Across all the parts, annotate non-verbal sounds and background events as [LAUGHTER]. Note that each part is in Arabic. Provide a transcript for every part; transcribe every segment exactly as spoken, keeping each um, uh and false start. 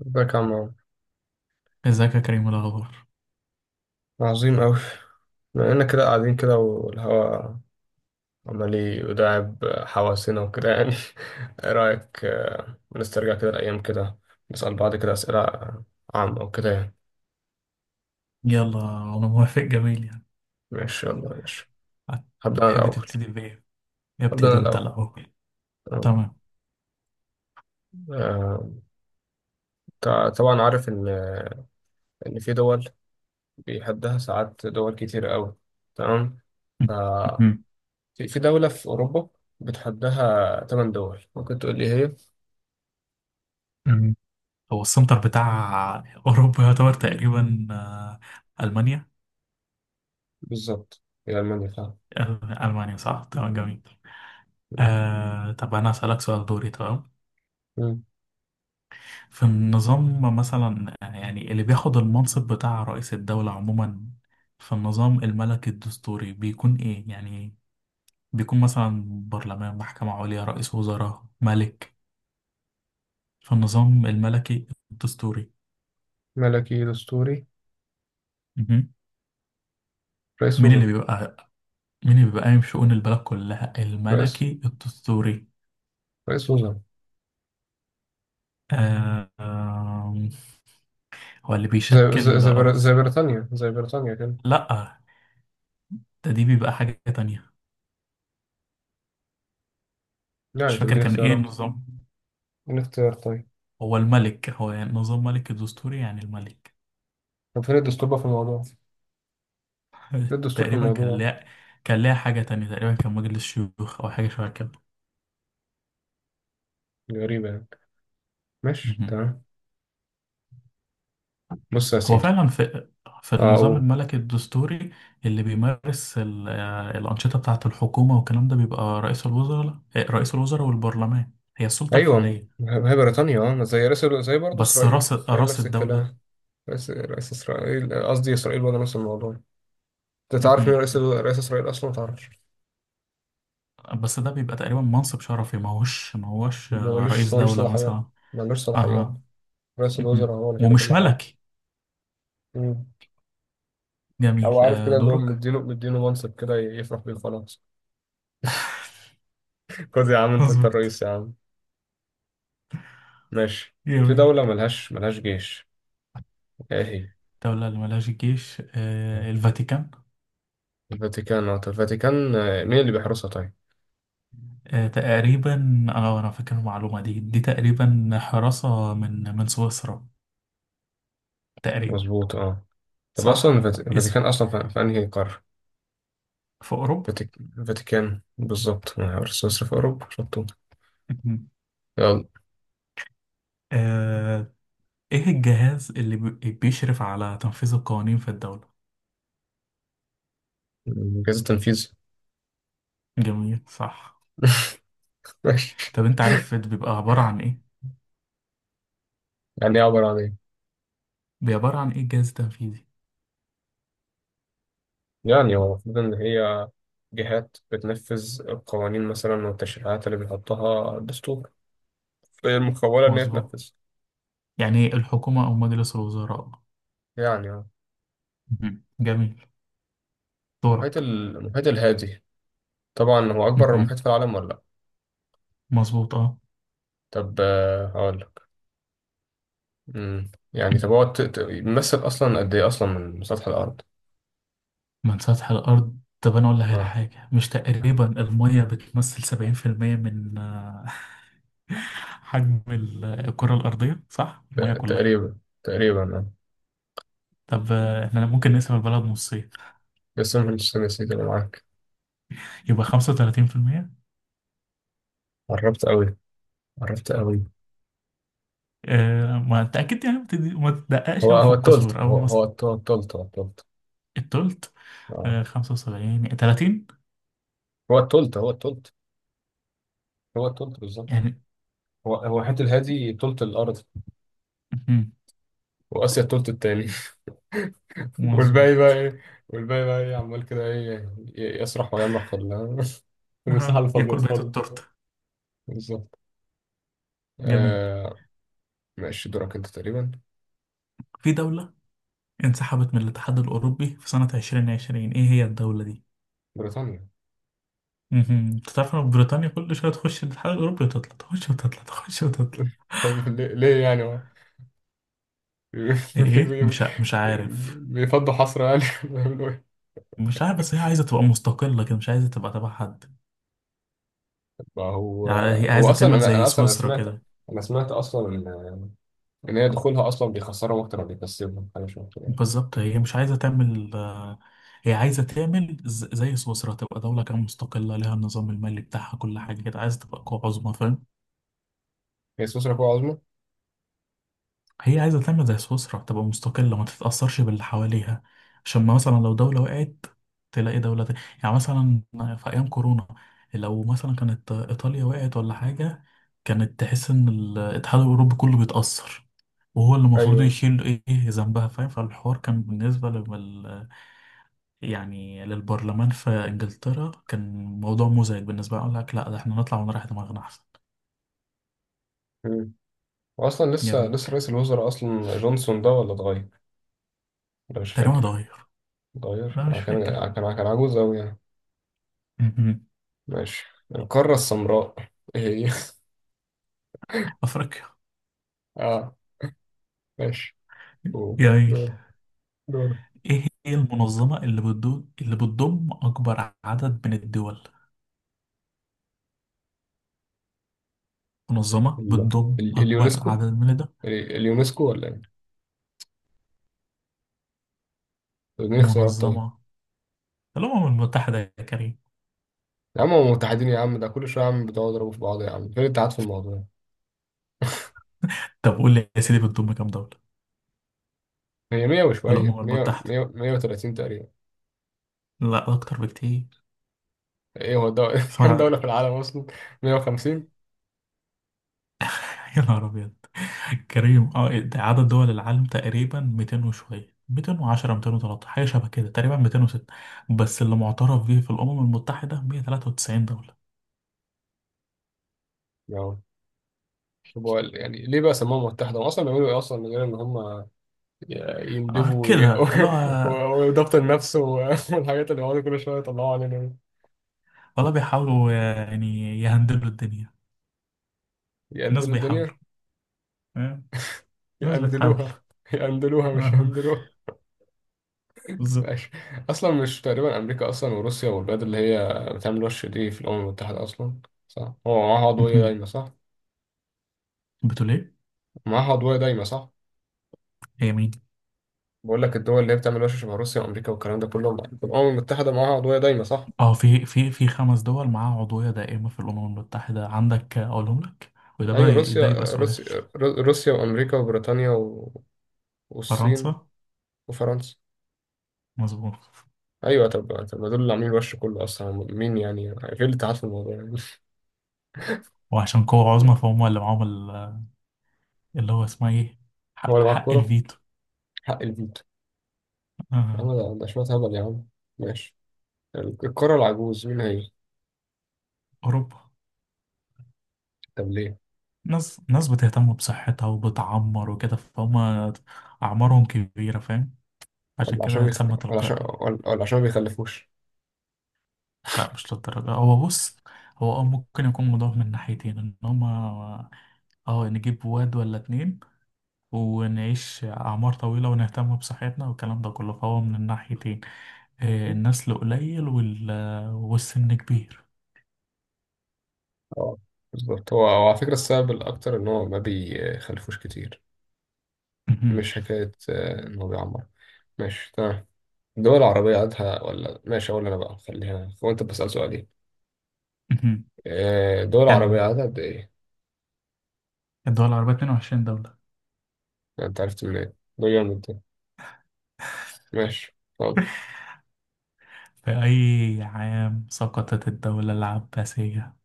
ازيك يا عم عمرو؟ ازيك يا كريم؟ إيه الاخبار؟ عظيم أوي. بما إننا كده قاعدين كده والهوا عمال يداعب حواسنا وكده يعني. [LAUGHS] إيه رأيك، آه، نسترجع كده الأيام كده، نسأل بعض كده أسئلة عامة وكده يعني. يلا انا موافق، جميل يعني. ماشي يلا ماشي. هبدأ أنا تحب الأول. تبتدي بايه؟ هبدأ أنا ابتدي انت الأول. الاول. تمام. تمام. آه، تع- طبعا عارف إن إن في دول بيحدها ساعات دول كتير أوي. تمام. [LAUGHS] ف- مم. في في دولة في أوروبا بتحدها تمن دول ممكن تقول لي هي. مم. هو السنتر بتاع اوروبا يعتبر تقريبا، آه، المانيا. بالظبط هي ألمانيا فعلا. آه، المانيا، صح، تمام، جميل. مم. آه، طب انا اسالك سؤال دوري، تمام. مم. في النظام مثلا، آه، يعني اللي بياخد المنصب بتاع رئيس الدولة عموما في النظام الملكي الدستوري بيكون ايه يعني؟ بيكون مثلا برلمان، محكمة عليا، رئيس وزراء، ملك، فالنظام الملكي الدستوري. ملكي دستوري. مهم. رئيس مين اللي وزراء. بيبقى مين اللي بيبقى قايم شؤون البلد كلها؟ رئيس الملكي الدستوري. رئيس وزراء. آه، آم، هو اللي زي زي بيشكل زي, بر... رأس. زي بريطانيا زي بريطانيا كده. لأ، ده دي بيبقى حاجة تانية. مش يعني طب فاكر اديني كان إيه اختيارات. النظام. اديني اختيار طيب. هو الملك، هو يعني نظام ملك الدستوري يعني الملك. طب فين الدستور بقى في الموضوع؟ فين [LAUGHS] الدستور في تقريبا كان الموضوع؟ ليها، كان ليها حاجة تانية، تقريبا كان مجلس شيوخ أو حاجة شبه دي غريبة يعني. ماشي كده. تمام. بص يا هو سيدي. فعلا في في اه النظام اقول. الملكي الدستوري اللي بيمارس ال- آه، الأنشطة بتاعة الحكومة والكلام ده بيبقى رئيس الوزراء. آه، رئيس الوزراء والبرلمان، هي السلطة ايوه ما الفعلية. ما هي بريطانيا اه، ما زي رئيس زي، برضه بس اسرائيل رأس اسرائيل رأس نفس الدولة. الكلام. رئيس رئيس اسرائيل، آه، قصدي اسرائيل برضه نفس الموضوع. انت تعرف مين مهم. رئيس رئيس اسرائيل اصلا ما تعرفش؟ بس ده بيبقى تقريبا منصب شرفي، ما هوش ما هوش ما آه، رئيس ملوش ملوش دولة صلاحيات. مثلا. ملوش صلاحيات. أها. رئيس مهم. الوزراء هو اللي كده ومش كل حاجة. ملكي. مم. جميل، هو عارف آه، كده اللي هو دورك. مدينه مدينه منصب كده يفرح بيه خلاص. [LAUGHS] خد يا عم [LAUGHS] انت انت مظبوط. الرئيس يا عم. ماشي. في جميل. دولة ملهاش ملهاش جيش، ايه هي. دولة اللي ملهاش جيش، آه، الفاتيكان. الفاتيكان اه. طب الفاتيكان، آه، مين اللي بيحرسها طيب. آه، تقريبا، اه، انا فاكر المعلومة دي، دي تقريبا حراسة من من سويسرا تقريبا. مظبوط اه. طب اصلا صح. الفات- اسم. الفاتيكان اصلا في في انهي قارة. في اوروبا. فاتيك- الفاتيكان بالظبط، آه، سويسرا في اوروبا شطوط. مهم. يلا. آه، ايه الجهاز اللي بي- بيشرف على تنفيذ القوانين في الدولة؟ مم، جهاز التنفيذ. جميل، صح. [LAUGHS] ماشي. طب انت عارف بيبقى عبارة عن ايه؟ يعني ايه عبارة عن ايه؟ بيبقى عبارة عن ايه الجهاز التنفيذي؟ يعني هو المفروض إن هي جهات بتنفذ القوانين مثلا والتشريعات اللي بيحطها الدستور، فهي المخولة إن هي مظبوط، تنفذ. يعني الحكومة او مجلس الوزراء. يعني اه. مهم. جميل. المحيط دورك. ال- المحيط الهادي، طبعا هو أكبر محيط مهم. في العالم ولا لأ؟ مظبوط، اه. طب آه، هقول لك. مم. يعني طب هو ت- ت- بيمثل أصلا قد إيه أصلا من سطح الأرض؟ من سطح الأرض؟ طب أنا أقول لك على اه حاجة، مش تقريبا المية بتمثل سبعين في المية من آه، [LAUGHS] حجم ال- الكرة الأرضية، صح؟ ت- المية كلها. تقريبا تقريبا اه. طب آه، إحنا ممكن نقسم البلد نصين، بس أنا مش نسيت اللي معاك. يبقى خمسة وتلاتين في المية. قربت أوي. قربت أوي. آه، ما أنت أكيد يعني ما بتدي- ما تدققش هو أوي في هو التلت الكسور أو هو هو مثلا. الت- التلت هو التلت التلت. اه. آه، خمسة وسبعين تلاتين هو التلت هو التلت هو التلت بالظبط. يعني. هو هو حته الهادي تلت الارض، مهم. واسيا التلت التاني. [LAUGHS] والباقي بقى مظبوط. ايه؟ والباقي بقى ايه عمال كده ايه؟ ي- يسرح ويمرح في ال-. [LAUGHS] في المساحه أها. الفاضيه ياكل بقية فاضيه التورتة. بالظبط. جميل. آه. ماشي دورك انت تقريبا. في دولة انسحبت من الاتحاد الأوروبي في سنة عشرين عشرين، إيه هي الدولة؟ بريطانيا. مهم. انت تعرف إن بريطانيا كل شويه تخش الاتحاد الاوروبي وتطلع، تخش وتطلع، تخش وتطلع. [LAUGHS] طب ليه ليه يعني هو. [LAUGHS] ايه؟ بي- إيه؟ بي- مش ع... مش عارف. بيفضوا حصر يعني. [LAUGHS] بيعملوا ايه. مش عارف، بس هي عايزه تبقى مستقله كده، مش عايزه تبقى تبع حد ما هو، يعني. هي هو عايزه اصلا تعمل انا انا زي اصلا أنا سويسرا سمعت. كده. انا سمعت اصلا ان ان هي دخولها اصلا بيخسرهم اكتر ما بيكسبهم، حاجه شبه كده. بالظبط، هي مش عايزه تعمل آه، هي عايزه تعمل ز- زي سويسرا، تبقى دوله كده مستقله، لها النظام المالي بتاعها، كل حاجه كده عايزه تبقى قوه عظمى، فاهم؟ هي سويسرا قوة عظمى؟ هي عايزة تعمل زي سويسرا، تبقى مستقلة ما تتأثرش باللي حواليها. عشان ما مثلا لو دولة وقعت، تلاقي دولة تانية، يعني مثلا في أيام كورونا، لو مثلا كانت إيطاليا وقعت ولا حاجة، كانت تحس إن الاتحاد الأوروبي كله بيتأثر، وهو اللي المفروض ايوه. يشيل إيه، إيه ذنبها؟ فاهم؟ فالحوار كان بالنسبة لل، يعني للبرلمان في إنجلترا، كان موضوع مزعج بالنسبة لي. أقول لك، لأ، ده إحنا نطلع ونريح دماغنا أحسن. واصلا لسه جميل. لسه رئيس الوزراء اصلا جونسون ده ولا اتغير؟ ده مش تقريبا فاكر. اتغير. اتغير، لا آه، مش كان فاكر. كان كان عجوز اوي يعني. ماشي. القارة السمراء ايه هي. [LAUGHS] افريقيا. [LAUGHS] اه. ماشي. أوه. جميل. دور. دور. إيه هي المنظمة اللي بتضم اللي بتضم أكبر عدد من الدول؟ منظمة ال- بتضم ال- أكبر اليونسكو. عدد من الدول. ال- اليونسكو ولا ايه؟ طب اديني اختيارات طيب. منظمة الأمم المتحدة يا كريم. يا عم هم متحدين يا عم، ده كل شويه يا عم بتقعدوا يضربوا في بعض يا عم، فين الاتحاد في الموضوع؟ طب قول لي يا سيدي، بتضم كام دولة؟ هي مية وشويه، الأمم مئة المتحدة. مية مئة وثلاثين تقريبا. لا، أكتر بكتير. ايه هو الدولة، [LAUGHS] سمعت كام عن- دولة في العالم اصلا؟ مئة وخمسين. [LAUGHS] يا نهار أبيض. كريم، أه، إيه ده؟ عدد دول العالم تقريبا ميتين وشوية، ميتين وعشرة، ميتين وتلتاشر حاجة شبه كده، تقريبا ميتين وستة. بس اللي معترف بيه في الأمم المتحدة مية وتلاتة وتسعين دولة. طب هو يعني ليه بقى سموها متحدة؟ هم أصلا بيعملوا إيه أصلا من غير إن هم ي- آه يندبوا وي- كده [LAUGHS] و-. لا. وإدارة النفس و- [LAUGHS] والحاجات اللي بيقعدوا كل شوية يطلعوا علينا دي؟ والله بيحاولوا، آه، يعني يهندلوا الدنيا. الناس يقندلوا الدنيا؟ بيحاولوا، آه، الناس بتحاول، يقندلوها [LAUGHS] يقندلوها مش آه، هندلوها. ماشي. بالظبط. أصلا مش تقريبا أمريكا أصلا وروسيا والبلاد اللي هي بتعمل وش دي في الأمم المتحدة أصلا، صح؟ هو معاها عضوية مهم. دايمة صح؟ بتقول ايه؟ معاها عضوية دايمة صح؟ هي مين؟ بقول لك، الدول اللي هي بتعمل وش شبه روسيا وأمريكا والكلام ده كله، الأمم المتحدة معاها عضوية دايمة صح؟ اه، في في في خمس دول معاها عضوية دائمة في الأمم المتحدة. عندك، آه، أقولهم لك، وده ايوه بقى ده روسيا. يبقى سؤال. روسيا روسيا وامريكا وبريطانيا و... والصين. فرنسا. وفرنسا. مظبوط. ايوه طب طب ما دول اللي عاملين الوش كله اصلا مين يعني غير اللي تعرف الموضوع يعني. [LAUGHS] وعشان قوة عظمى، فهم اللي معاهم ال- اللي هو اسمها ايه؟ هو حق, اللي معاه حق الكوره. الفيتو. حق الفيتو. يا آه. عم ده ده شويه هبل يا عم. ماشي. الكوره العجوز مين هي؟ أوروبا. طب ليه. ناس ناس بتهتم بصحتها وبتعمر وكده، فهم أعمارهم كبيرة، فاهم؟ عشان ولا عشان كده بيخ...، اتسمى ولا عشان تلقائي. ولا ولا عشان ما بيخلفوش. لا مش للدرجة، هو بص، هو اه ممكن يكون موضوع من ناحيتين، ان هما اه نجيب واد ولا اتنين ونعيش أعمار طويلة ونهتم بصحتنا والكلام ده كله، فهو من الناحيتين آه، [LAUGHS] النسل قليل وال... والسن كبير. اه بالظبط. هو هو على فكرة السبب الأكتر إن هو ما بيخلفوش كتير، مهم. مش حكاية آه، إن هو بيعمر. ماشي تمام. دول عربية عددها، ولا ماشي، أقول أنا بقى خليها، هو أنت بسأل سؤالين. مهم. آه، دول عربية كان عددها قد إيه؟ الدول العربية اتنين وعشرين دولة. لا، أنت عرفت منين؟ ده جامد ده. ماشي طب. [LAUGHS] في أي عام سقطت الدولة العباسية؟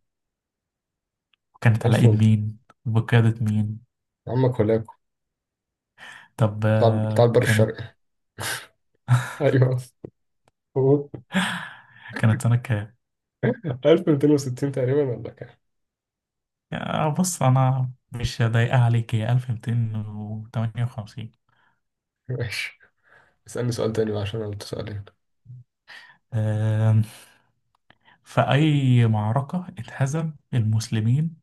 وكانت على ألف إيد ومتين. مين وبقيادة مين؟ عمك ولاكو. طب بتاع بتاع آه، البر كانت. الشرقي. [LAUGHS] [LAUGHS] أيوه. هو كانت سنة كام؟ ألف ومتين وستين تقريبا ولا كام؟ آه، بص، أنا مش ضايقة عليك، هي ألف ومتين وتمنية وخمسين. ماشي. اسألني سؤال تاني بقى عشان أنا قلت سؤالين. آم، فأي معركة اتهزم المسلمين؟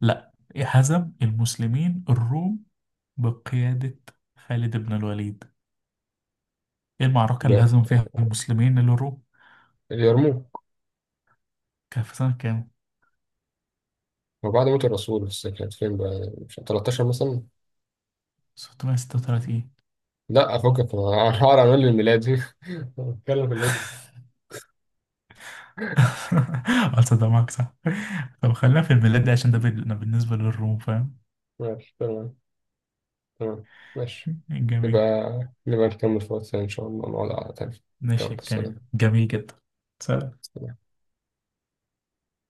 لا، هزم المسلمين الروم بقيادة خالد بن الوليد. إيه المعركة اللي هزم لا، فيها المسلمين الروم؟ اليرموك. كان في سنة كام؟ وبعد موت الرسول بس، كانت فين بقى؟ مش تلتاشر مثلا؟ ستمية وستة وتلاتين. لا أفكك. [LAUGHS] أنا هقعد أعمل لي الميلادي. [LAUGHS] بتكلم في الهجري. اه، تصدق معاك؟ [LAUGHS] صح. طب خلينا في الميلاد ده عشان ده بال- بالنسبة للروم، فاهم؟ ماشي تمام. تمام. ماشي. نبقى جميل. نبقى نكمل في وقت تاني إن شاء الله، نقعد على تاني. ماشي يلا يا كريم، سلام. جميل جدا. سلام. سلام.